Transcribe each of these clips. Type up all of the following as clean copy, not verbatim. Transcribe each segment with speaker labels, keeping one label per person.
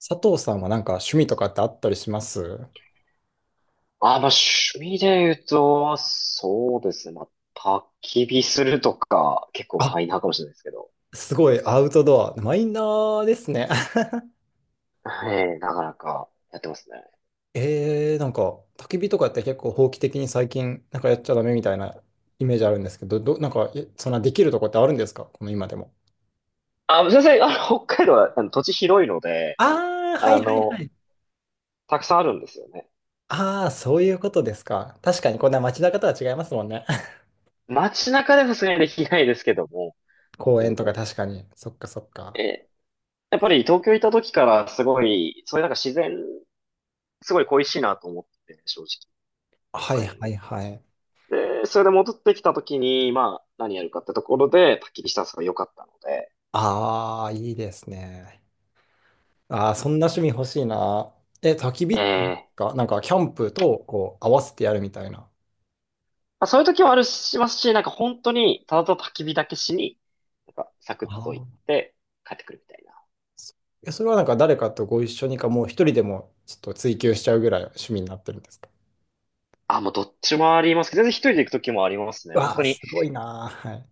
Speaker 1: 佐藤さんはなんか趣味とかってあったりします？
Speaker 2: あ、まあ、趣味で言うと、そうですね。まあ、焚き火するとか、結構マ
Speaker 1: あ、
Speaker 2: イナーかもしれないですけど。
Speaker 1: すごいアウトドア。マイナーですね。
Speaker 2: ええ、なかなかやってますね。
Speaker 1: なんか焚き火とかって結構法規的に最近なんかやっちゃダメみたいなイメージあるんですけど、なんかそんなできるとこってあるんですか、この今でも？
Speaker 2: あ、先生、北海道はあの土地広いので、
Speaker 1: ああ、は
Speaker 2: あ
Speaker 1: いはいは
Speaker 2: の、
Speaker 1: い。
Speaker 2: たくさんあるんですよね。
Speaker 1: ああ、そういうことですか。確かにこんな街中とは違いますもんね。
Speaker 2: 街中ではさすがにできないですけども、全
Speaker 1: 公園
Speaker 2: 然
Speaker 1: とか確かに。そっかそっか。
Speaker 2: えやっぱり東京いた時からすごい、そういうなんか自然、すごい恋しいなと思ってて、正直、
Speaker 1: は
Speaker 2: 北
Speaker 1: い
Speaker 2: 海道も。
Speaker 1: はいはい。
Speaker 2: で、それで戻ってきた時に、まあ、何やるかってところで、焚き火したんが良かったので、
Speaker 1: ああ、いいですね。ああ、そんな趣味欲しいな。え、焚き
Speaker 2: え
Speaker 1: 火
Speaker 2: え、
Speaker 1: か、なんかキャンプとこう合わせてやるみたいな。
Speaker 2: まあ、そういう時もあるしますし、なんか本当に、ただただ焚き火だけしに、なんかサク
Speaker 1: あ
Speaker 2: ッと行っ
Speaker 1: あ。
Speaker 2: て帰ってくるみたいな。
Speaker 1: そそれはなんか誰かとご一緒にか、もう一人でもちょっと追求しちゃうぐらい趣味になってるんですか？
Speaker 2: あ、もうどっちもありますけど、全然一人で行く時もありますね。本
Speaker 1: わ
Speaker 2: 当
Speaker 1: あ、
Speaker 2: に、
Speaker 1: すごいな。はい。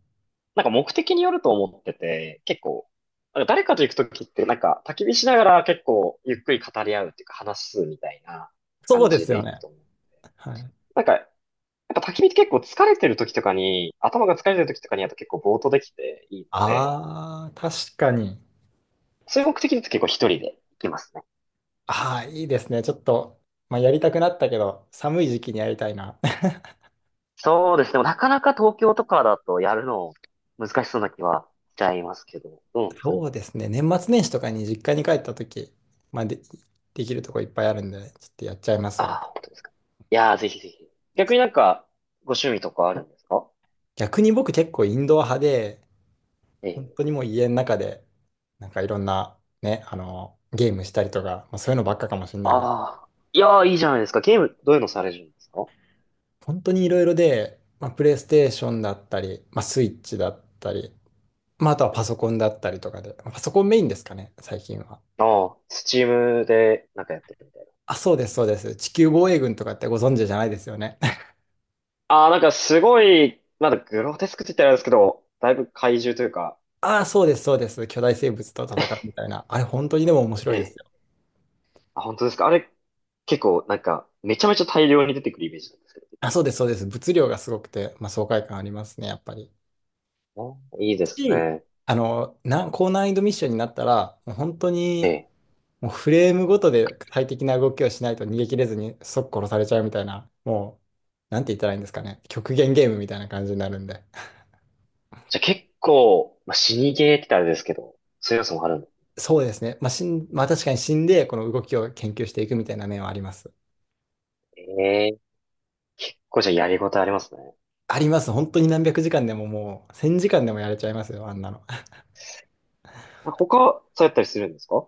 Speaker 2: なんか目的によると思ってて、結構、なんか誰かと行く時ってなんか焚き火しながら結構ゆっくり語り合うっていうか話すみたいな
Speaker 1: そう
Speaker 2: 感
Speaker 1: で
Speaker 2: じ
Speaker 1: す
Speaker 2: で
Speaker 1: よ
Speaker 2: 行く
Speaker 1: ね。
Speaker 2: と思う。
Speaker 1: はい。
Speaker 2: なんか、やっぱ焚き火って結構疲れてる時とかに、頭が疲れてる時とかにやると結構ぼーっとできていいので、
Speaker 1: ああ、確かに。
Speaker 2: そういう目的だと結構一人で行きますね。
Speaker 1: ああ、いいですね。ちょっと、まあ、やりたくなったけど、寒い時期にやりたいな。
Speaker 2: そうですね。でもなかなか東京とかだとやるの難しそうな気はしちゃいますけど、どうなん ですかね。
Speaker 1: そうですね。年末年始とかに実家に帰った時、まあ、で、できるとこいっぱいあるんで、ちょっとやっちゃいます
Speaker 2: あ
Speaker 1: わ。
Speaker 2: あ、本当ですか。いやー、ぜひぜひ。逆になんか、ご趣味とかあるんですか？
Speaker 1: 逆に僕結構インドア派で、
Speaker 2: え
Speaker 1: 本
Speaker 2: え。
Speaker 1: 当にもう家の中で、なんかいろんなね、ゲームしたりとか、まあ、そういうのばっかかもしれないで、
Speaker 2: ああ、いやー、いいじゃないですか。ゲーム、どういうのされるんですか？
Speaker 1: 本当にいろいろで、まあ、プレイステーションだったり、まあ、スイッチだったり、まあ、あとは
Speaker 2: う
Speaker 1: パ
Speaker 2: ん。
Speaker 1: ソコンだったりとかで、まあパソコンメインですかね、最近は。
Speaker 2: ああ、スチームでなんかやってるみたいな。
Speaker 1: あ、そうです、そうです。地球防衛軍とかってご存知じゃないですよね？
Speaker 2: ああ、なんかすごい、まだグロテスクって言ったらあれですけど、だいぶ怪獣というか、
Speaker 1: ああ、そうです、そうです。巨大生物と戦う みたいな。あれ、本当にでも面白
Speaker 2: え
Speaker 1: いです
Speaker 2: え。
Speaker 1: よ。
Speaker 2: あ、本当ですか。あれ、結構なんか、めちゃめちゃ大量に出てくるイメージなんですけど、敵
Speaker 1: あ、
Speaker 2: が。
Speaker 1: そうです、そうです。物量がすごくて、まあ、爽快感ありますね、やっぱり。
Speaker 2: あ、いいです
Speaker 1: し、
Speaker 2: ね。
Speaker 1: 高難易度ミッションになったら、もう本当
Speaker 2: え
Speaker 1: に、
Speaker 2: え。
Speaker 1: もうフレームごとで最適な動きをしないと逃げ切れずに即殺されちゃうみたいな、もう、なんて言ったらいいんですかね。極限ゲームみたいな感じになるんで。
Speaker 2: じゃあ結構、まあ、死にゲーって言ったらあれですけど、そういう要素もあるんで。
Speaker 1: そうですね。まあ、まあ確かに死んで、この動きを研究していくみたいな面はあります。
Speaker 2: ええ。これじゃあやりごたえありますね。
Speaker 1: あります。本当に何百時間でももう、1000時間でもやれちゃいますよ、あんなの。
Speaker 2: あ、他、そうやったりするんですか？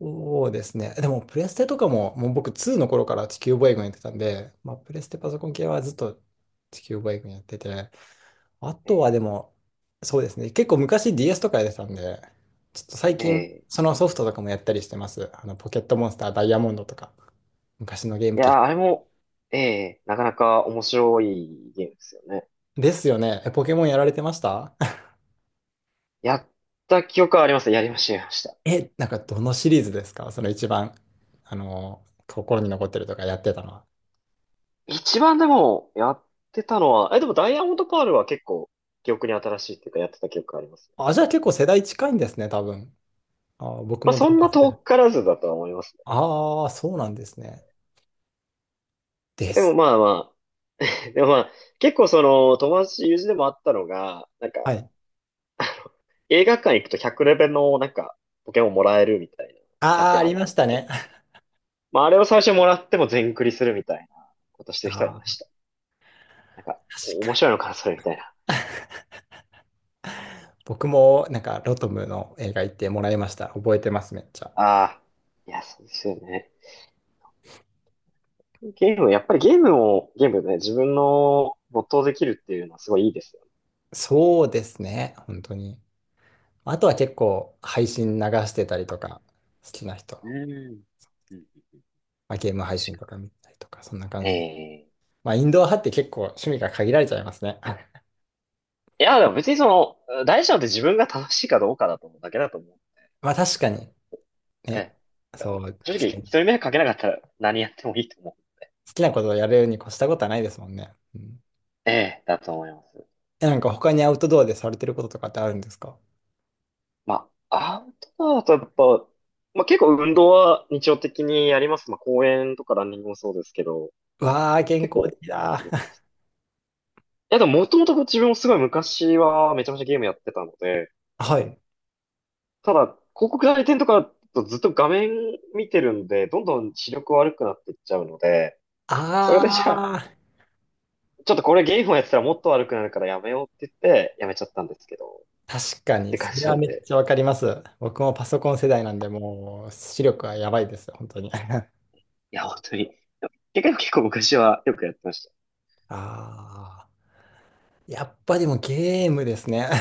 Speaker 1: そうですね。でも、プレステとかも、もう僕2の頃から地球防衛軍やってたんで、まあ、プレステパソコン系はずっと地球防衛軍やってて、あ
Speaker 2: え
Speaker 1: と
Speaker 2: え。
Speaker 1: はでも、そうですね。結構昔 DS とかやってたんで、ちょっと最
Speaker 2: え
Speaker 1: 近、
Speaker 2: え。
Speaker 1: そのソフトとかもやったりしてます。ポケットモンスターダイヤモンドとか、昔のゲー
Speaker 2: い
Speaker 1: ム機。
Speaker 2: やー、あれも、ええ、なかなか面白いゲームですよね。
Speaker 1: ですよね。え、ポケモンやられてました？
Speaker 2: やった記憶はあります。やりました、やりました。
Speaker 1: え、なんかどのシリーズですかその一番、心に残ってるとかやってたのは？
Speaker 2: 一番でも、やってたのは、でもダイヤモンドパールは結構、記憶に新しいっていうか、やってた記憶があります
Speaker 1: あ、
Speaker 2: ね。
Speaker 1: じゃあ結構世代近いんですね、多分。あ、僕
Speaker 2: まあ、
Speaker 1: も大
Speaker 2: そん
Speaker 1: 体
Speaker 2: な
Speaker 1: 世
Speaker 2: 遠
Speaker 1: 代。
Speaker 2: からずだとは思います
Speaker 1: ああ、そうなんですね。で
Speaker 2: ね。でも
Speaker 1: す。
Speaker 2: まあまあ、でもまあ、結構その友達、友人でもあったのが、なんか、
Speaker 1: はい。
Speaker 2: 映画館行くと100レベルのなんか、ポケモンもらえるみたいなキャン
Speaker 1: ああ、
Speaker 2: ペー
Speaker 1: あ
Speaker 2: ンあ
Speaker 1: りま
Speaker 2: る。
Speaker 1: したね。
Speaker 2: まあ、あれを最初もらっても全クリするみたいなことしてる人はい
Speaker 1: あ
Speaker 2: まし
Speaker 1: あ、
Speaker 2: た。なんか、面
Speaker 1: 確
Speaker 2: 白いのかな、それみたいな。
Speaker 1: 僕もなんかロトムの映画行ってもらいました。覚えてます、めっちゃ。
Speaker 2: ああ、いや、そうですよね。ゲーム、やっぱりゲームを、ゲームね、自分の没頭できるっていうのはすごいいいですよ
Speaker 1: そうですね、本当に。あとは結構配信流してたりとか、好きな人の、
Speaker 2: ね。うん。うん。
Speaker 1: まあ、ゲーム配信とか見たりとか、そんな感
Speaker 2: え
Speaker 1: じで。
Speaker 2: えー、
Speaker 1: まあ、インドア派って結構趣味が限られちゃいますね。
Speaker 2: いや、でも別にその、大事なのって自分が楽しいかどうかだと思うだけだと思う。な
Speaker 1: まあ、
Speaker 2: ん
Speaker 1: 確
Speaker 2: か
Speaker 1: かに。ね。
Speaker 2: ね、なん
Speaker 1: そ
Speaker 2: か
Speaker 1: う、
Speaker 2: 正
Speaker 1: 確
Speaker 2: 直、
Speaker 1: か
Speaker 2: 一
Speaker 1: に。
Speaker 2: 人目かけなかったら何やってもいいと思う。
Speaker 1: 好きなことをやるに越したことはないですもんね。うん、
Speaker 2: ええ、だと思います。
Speaker 1: え、なんか他にアウトドアでされてることとかってあるんですか？
Speaker 2: まあ、アウトドアだとやっぱ、まあ結構運動は日常的にやります。まあ公園とかランニングもそうですけど、
Speaker 1: わあ、健
Speaker 2: 結
Speaker 1: 康
Speaker 2: 構
Speaker 1: 的だ。
Speaker 2: 動きま す。いやでももともと自分もすごい昔はめちゃめちゃゲームやってたので、
Speaker 1: はい。
Speaker 2: ただ広告代理店とかだとずっと画面見てるんで、どんどん視力悪くなっていっちゃうので、
Speaker 1: あ
Speaker 2: それでじゃあ、
Speaker 1: あ。
Speaker 2: ちょっとこれゲームをやってたらもっと悪くなるからやめようって言ってやめちゃったんですけど、っ
Speaker 1: 確かに、
Speaker 2: て感
Speaker 1: そ
Speaker 2: じ
Speaker 1: れ
Speaker 2: な
Speaker 1: は
Speaker 2: ん
Speaker 1: めっ
Speaker 2: で、
Speaker 1: ちゃわかります。僕もパソコン世代なんで、もう視力はやばいです、本当に。
Speaker 2: いや本当に、結構結構昔はよくやってました。
Speaker 1: ああ、やっぱでもゲームですね。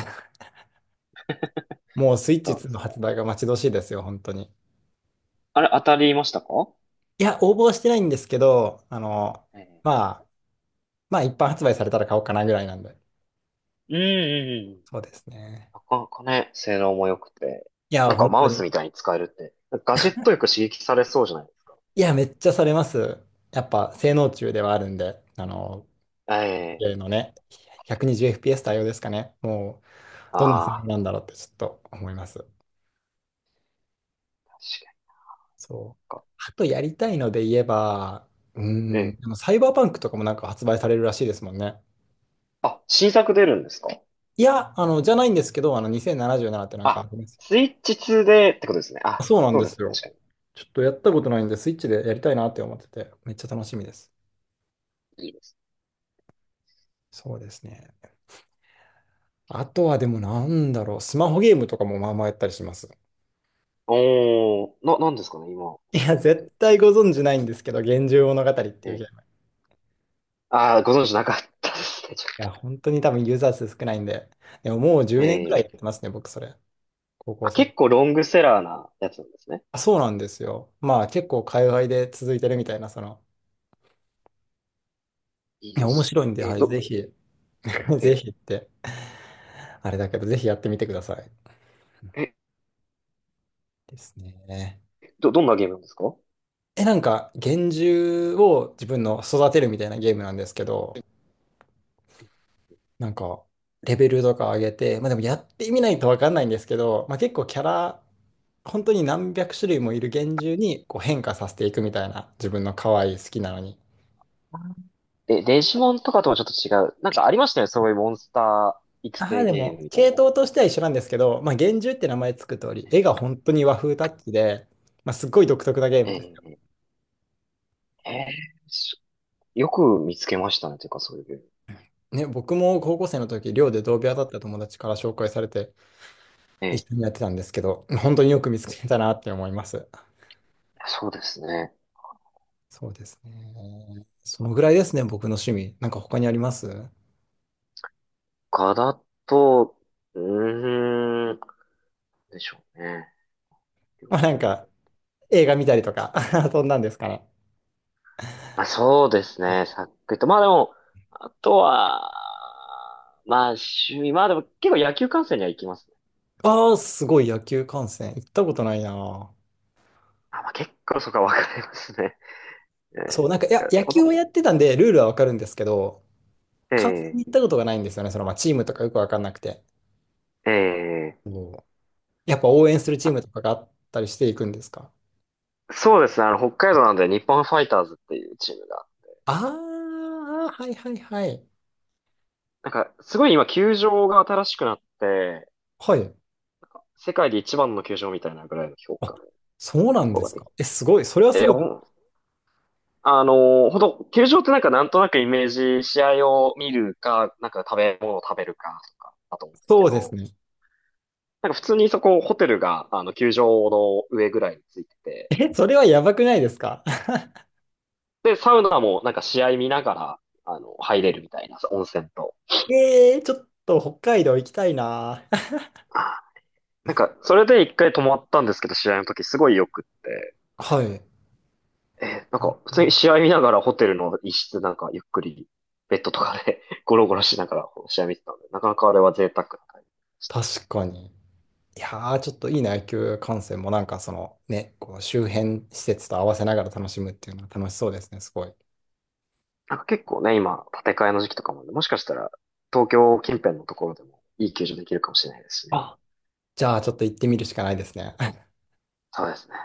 Speaker 1: もうスイッチ
Speaker 2: そうで
Speaker 1: 2の
Speaker 2: す
Speaker 1: 発
Speaker 2: ね。
Speaker 1: 売が待ち遠しいですよ、本当に。
Speaker 2: あれ当たりましたか？
Speaker 1: いや、応募はしてないんですけど、
Speaker 2: ええ。
Speaker 1: まあ、まあ一般発売されたら買おうかなぐらいなんで。
Speaker 2: うん。うん。うん。
Speaker 1: そうですね。
Speaker 2: なかなかね、性能も良くて、
Speaker 1: いや、
Speaker 2: なんか
Speaker 1: 本
Speaker 2: マ
Speaker 1: 当
Speaker 2: ウス
Speaker 1: に。
Speaker 2: みたいに使えるって、なんかガジェットよく刺激されそうじゃないですか。
Speaker 1: いや、めっちゃされます。やっぱ性能中ではあるんで、ゲ
Speaker 2: え
Speaker 1: ー
Speaker 2: え。
Speaker 1: ムのね、120fps 対応ですかね。もう、どんな性能
Speaker 2: ああ、
Speaker 1: なんだろうってちょっと思います。
Speaker 2: 確かに。
Speaker 1: そう。
Speaker 2: か。
Speaker 1: あとやりたいので言えば、うーん。
Speaker 2: ええ。
Speaker 1: でもサイバーパンクとかもなんか発売されるらしいですもんね。
Speaker 2: あ、新作出るんですか？
Speaker 1: いや、じゃないんですけど、2077ってなんかあ
Speaker 2: あ、
Speaker 1: ります？
Speaker 2: スイッチ2でってことですね。
Speaker 1: あ
Speaker 2: あ、
Speaker 1: そうなん
Speaker 2: そう
Speaker 1: で
Speaker 2: で
Speaker 1: す
Speaker 2: すね、
Speaker 1: よ。
Speaker 2: 確か
Speaker 1: ちょっとやったことないんで、スイッチでやりたいなって思ってて、めっちゃ楽しみです。
Speaker 2: に。いいです。
Speaker 1: そうですね。あとはでもなんだろう、スマホゲームとかもまあまあやったりします。
Speaker 2: おー、なんですかね、今、
Speaker 1: い
Speaker 2: あ
Speaker 1: や、
Speaker 2: りがと
Speaker 1: 絶
Speaker 2: う。
Speaker 1: 対ご存知ないんですけど、幻獣物語っていうゲ
Speaker 2: え
Speaker 1: ーム。
Speaker 2: え。
Speaker 1: い
Speaker 2: ああ、ご存知なかったですね。ちょ
Speaker 1: や、
Speaker 2: っ
Speaker 1: 本当に多分ユーザー数少ないんで、でももう
Speaker 2: と。
Speaker 1: 10年ぐらいや
Speaker 2: え
Speaker 1: っ
Speaker 2: え。
Speaker 1: てますね、僕それ。高校
Speaker 2: あ、
Speaker 1: 生。
Speaker 2: 結構ロングセラーなやつなんですね。
Speaker 1: あ、そうなんですよ。まあ結構海外で続いてるみたいな、
Speaker 2: いい
Speaker 1: いや
Speaker 2: で
Speaker 1: 面
Speaker 2: す。
Speaker 1: 白いんで、
Speaker 2: え
Speaker 1: はい、
Speaker 2: ど、
Speaker 1: ぜひ、ぜ
Speaker 2: え
Speaker 1: ひって、あれだけど、ぜひやってみてください。
Speaker 2: え
Speaker 1: ですね。
Speaker 2: ど、どんなゲームなんですか？
Speaker 1: え、なんか、幻獣を自分の育てるみたいなゲームなんですけど、なんか、レベルとか上げて、まあでもやってみないとわかんないんですけど、まあ結構キャラ、本当に何百種類もいる幻獣にこう変化させていくみたいな、自分の可愛い好きなのに。
Speaker 2: え、デジモンとかともちょっと違う。なんかありましたよね、そういうモンスター育
Speaker 1: ああ、
Speaker 2: 成
Speaker 1: で
Speaker 2: ゲー
Speaker 1: も、
Speaker 2: ムみたい
Speaker 1: 系
Speaker 2: な。
Speaker 1: 統としては一緒なんですけど、まあ、幻獣って名前つく通り、絵が本当に和風タッチで、まあ、すっごい独特なゲームですよ。
Speaker 2: ええ。ええ。しよく見つけましたね、ていうかそういうゲーム。
Speaker 1: ね、僕も高校生の時、寮で同部屋だった友達から紹介されて、一
Speaker 2: ええ。
Speaker 1: 緒にやってたんですけど、本当によく見つけたなって思います。
Speaker 2: そうですね。
Speaker 1: そうですね。そのぐらいですね、僕の趣味。なんか他にあります？
Speaker 2: か、だと、うーん、でしょうね。
Speaker 1: まあ、
Speaker 2: 料
Speaker 1: な
Speaker 2: 理
Speaker 1: ん
Speaker 2: も、
Speaker 1: か、映画見たりとか、そんなんですかね。
Speaker 2: まあそうですね、さっくりと。まあでも、あとは、まあ趣味、まあでも結構野球観戦には行きますね。
Speaker 1: ああ、すごい野球観戦。行ったことないな。
Speaker 2: あ、まあ結構そこは分かりますね。え
Speaker 1: そ
Speaker 2: え。
Speaker 1: う、なんか、い
Speaker 2: なん
Speaker 1: や、
Speaker 2: か、
Speaker 1: 野
Speaker 2: こ
Speaker 1: 球
Speaker 2: の、
Speaker 1: をやってたんで、ルールはわかるんですけど、観戦
Speaker 2: え
Speaker 1: に行
Speaker 2: え、
Speaker 1: ったことがないんですよね。まあ、チームとかよくわかんなくて。
Speaker 2: ええ、
Speaker 1: おー、やっぱ応援するチームとかがあったりしていくんですか？
Speaker 2: そうですね。あの、北海道なんで日本ファイターズっていうチームが。
Speaker 1: ああー、はいはいはい。
Speaker 2: なんか、すごい今、球場が新しくなって、
Speaker 1: はい。
Speaker 2: 世界で一番の球場みたいなぐらいの評
Speaker 1: あ、
Speaker 2: 価のと
Speaker 1: そうなん
Speaker 2: こ
Speaker 1: で
Speaker 2: ろ
Speaker 1: す
Speaker 2: ができ
Speaker 1: か。
Speaker 2: て。
Speaker 1: え、すごい。それはす
Speaker 2: えー
Speaker 1: ごい。
Speaker 2: ほん、あのーほんと、球場ってなんかなんとなくイメージ、試合を見るか、なんか食べ物を食べるかとかだと思うんです
Speaker 1: そ
Speaker 2: け
Speaker 1: うです
Speaker 2: ど、
Speaker 1: ね。
Speaker 2: なんか普通にそこ、ホテルが、球場の上ぐらいについてて、
Speaker 1: え、それはやばくないですか？
Speaker 2: で、サウナもなんか試合見ながら、入れるみたいな、温泉と。
Speaker 1: ちょっと北海道行きたいな。
Speaker 2: なんか、それで一回泊まったんですけど、試合の時すごい良くって。
Speaker 1: はい。
Speaker 2: なん
Speaker 1: ね、
Speaker 2: か、普通に
Speaker 1: ね。
Speaker 2: 試合見ながらホテルの一室なんかゆっくり、ベッドとかで ゴロゴロしながら試合見てたので、なかなかあれは贅沢な感じでした。
Speaker 1: 確かに。いやー、ちょっといいな、野球観戦もなんかそのね、こう周辺施設と合わせながら楽しむっていうのは楽しそうですね、すごい。
Speaker 2: なんか結構ね、今、建て替えの時期とかもあるんで、もしかしたら東京近辺のところでもいい球場できるかもしれないですしね。
Speaker 1: あ、じゃあ、ちょっと行ってみるしかないですね。
Speaker 2: そうですね。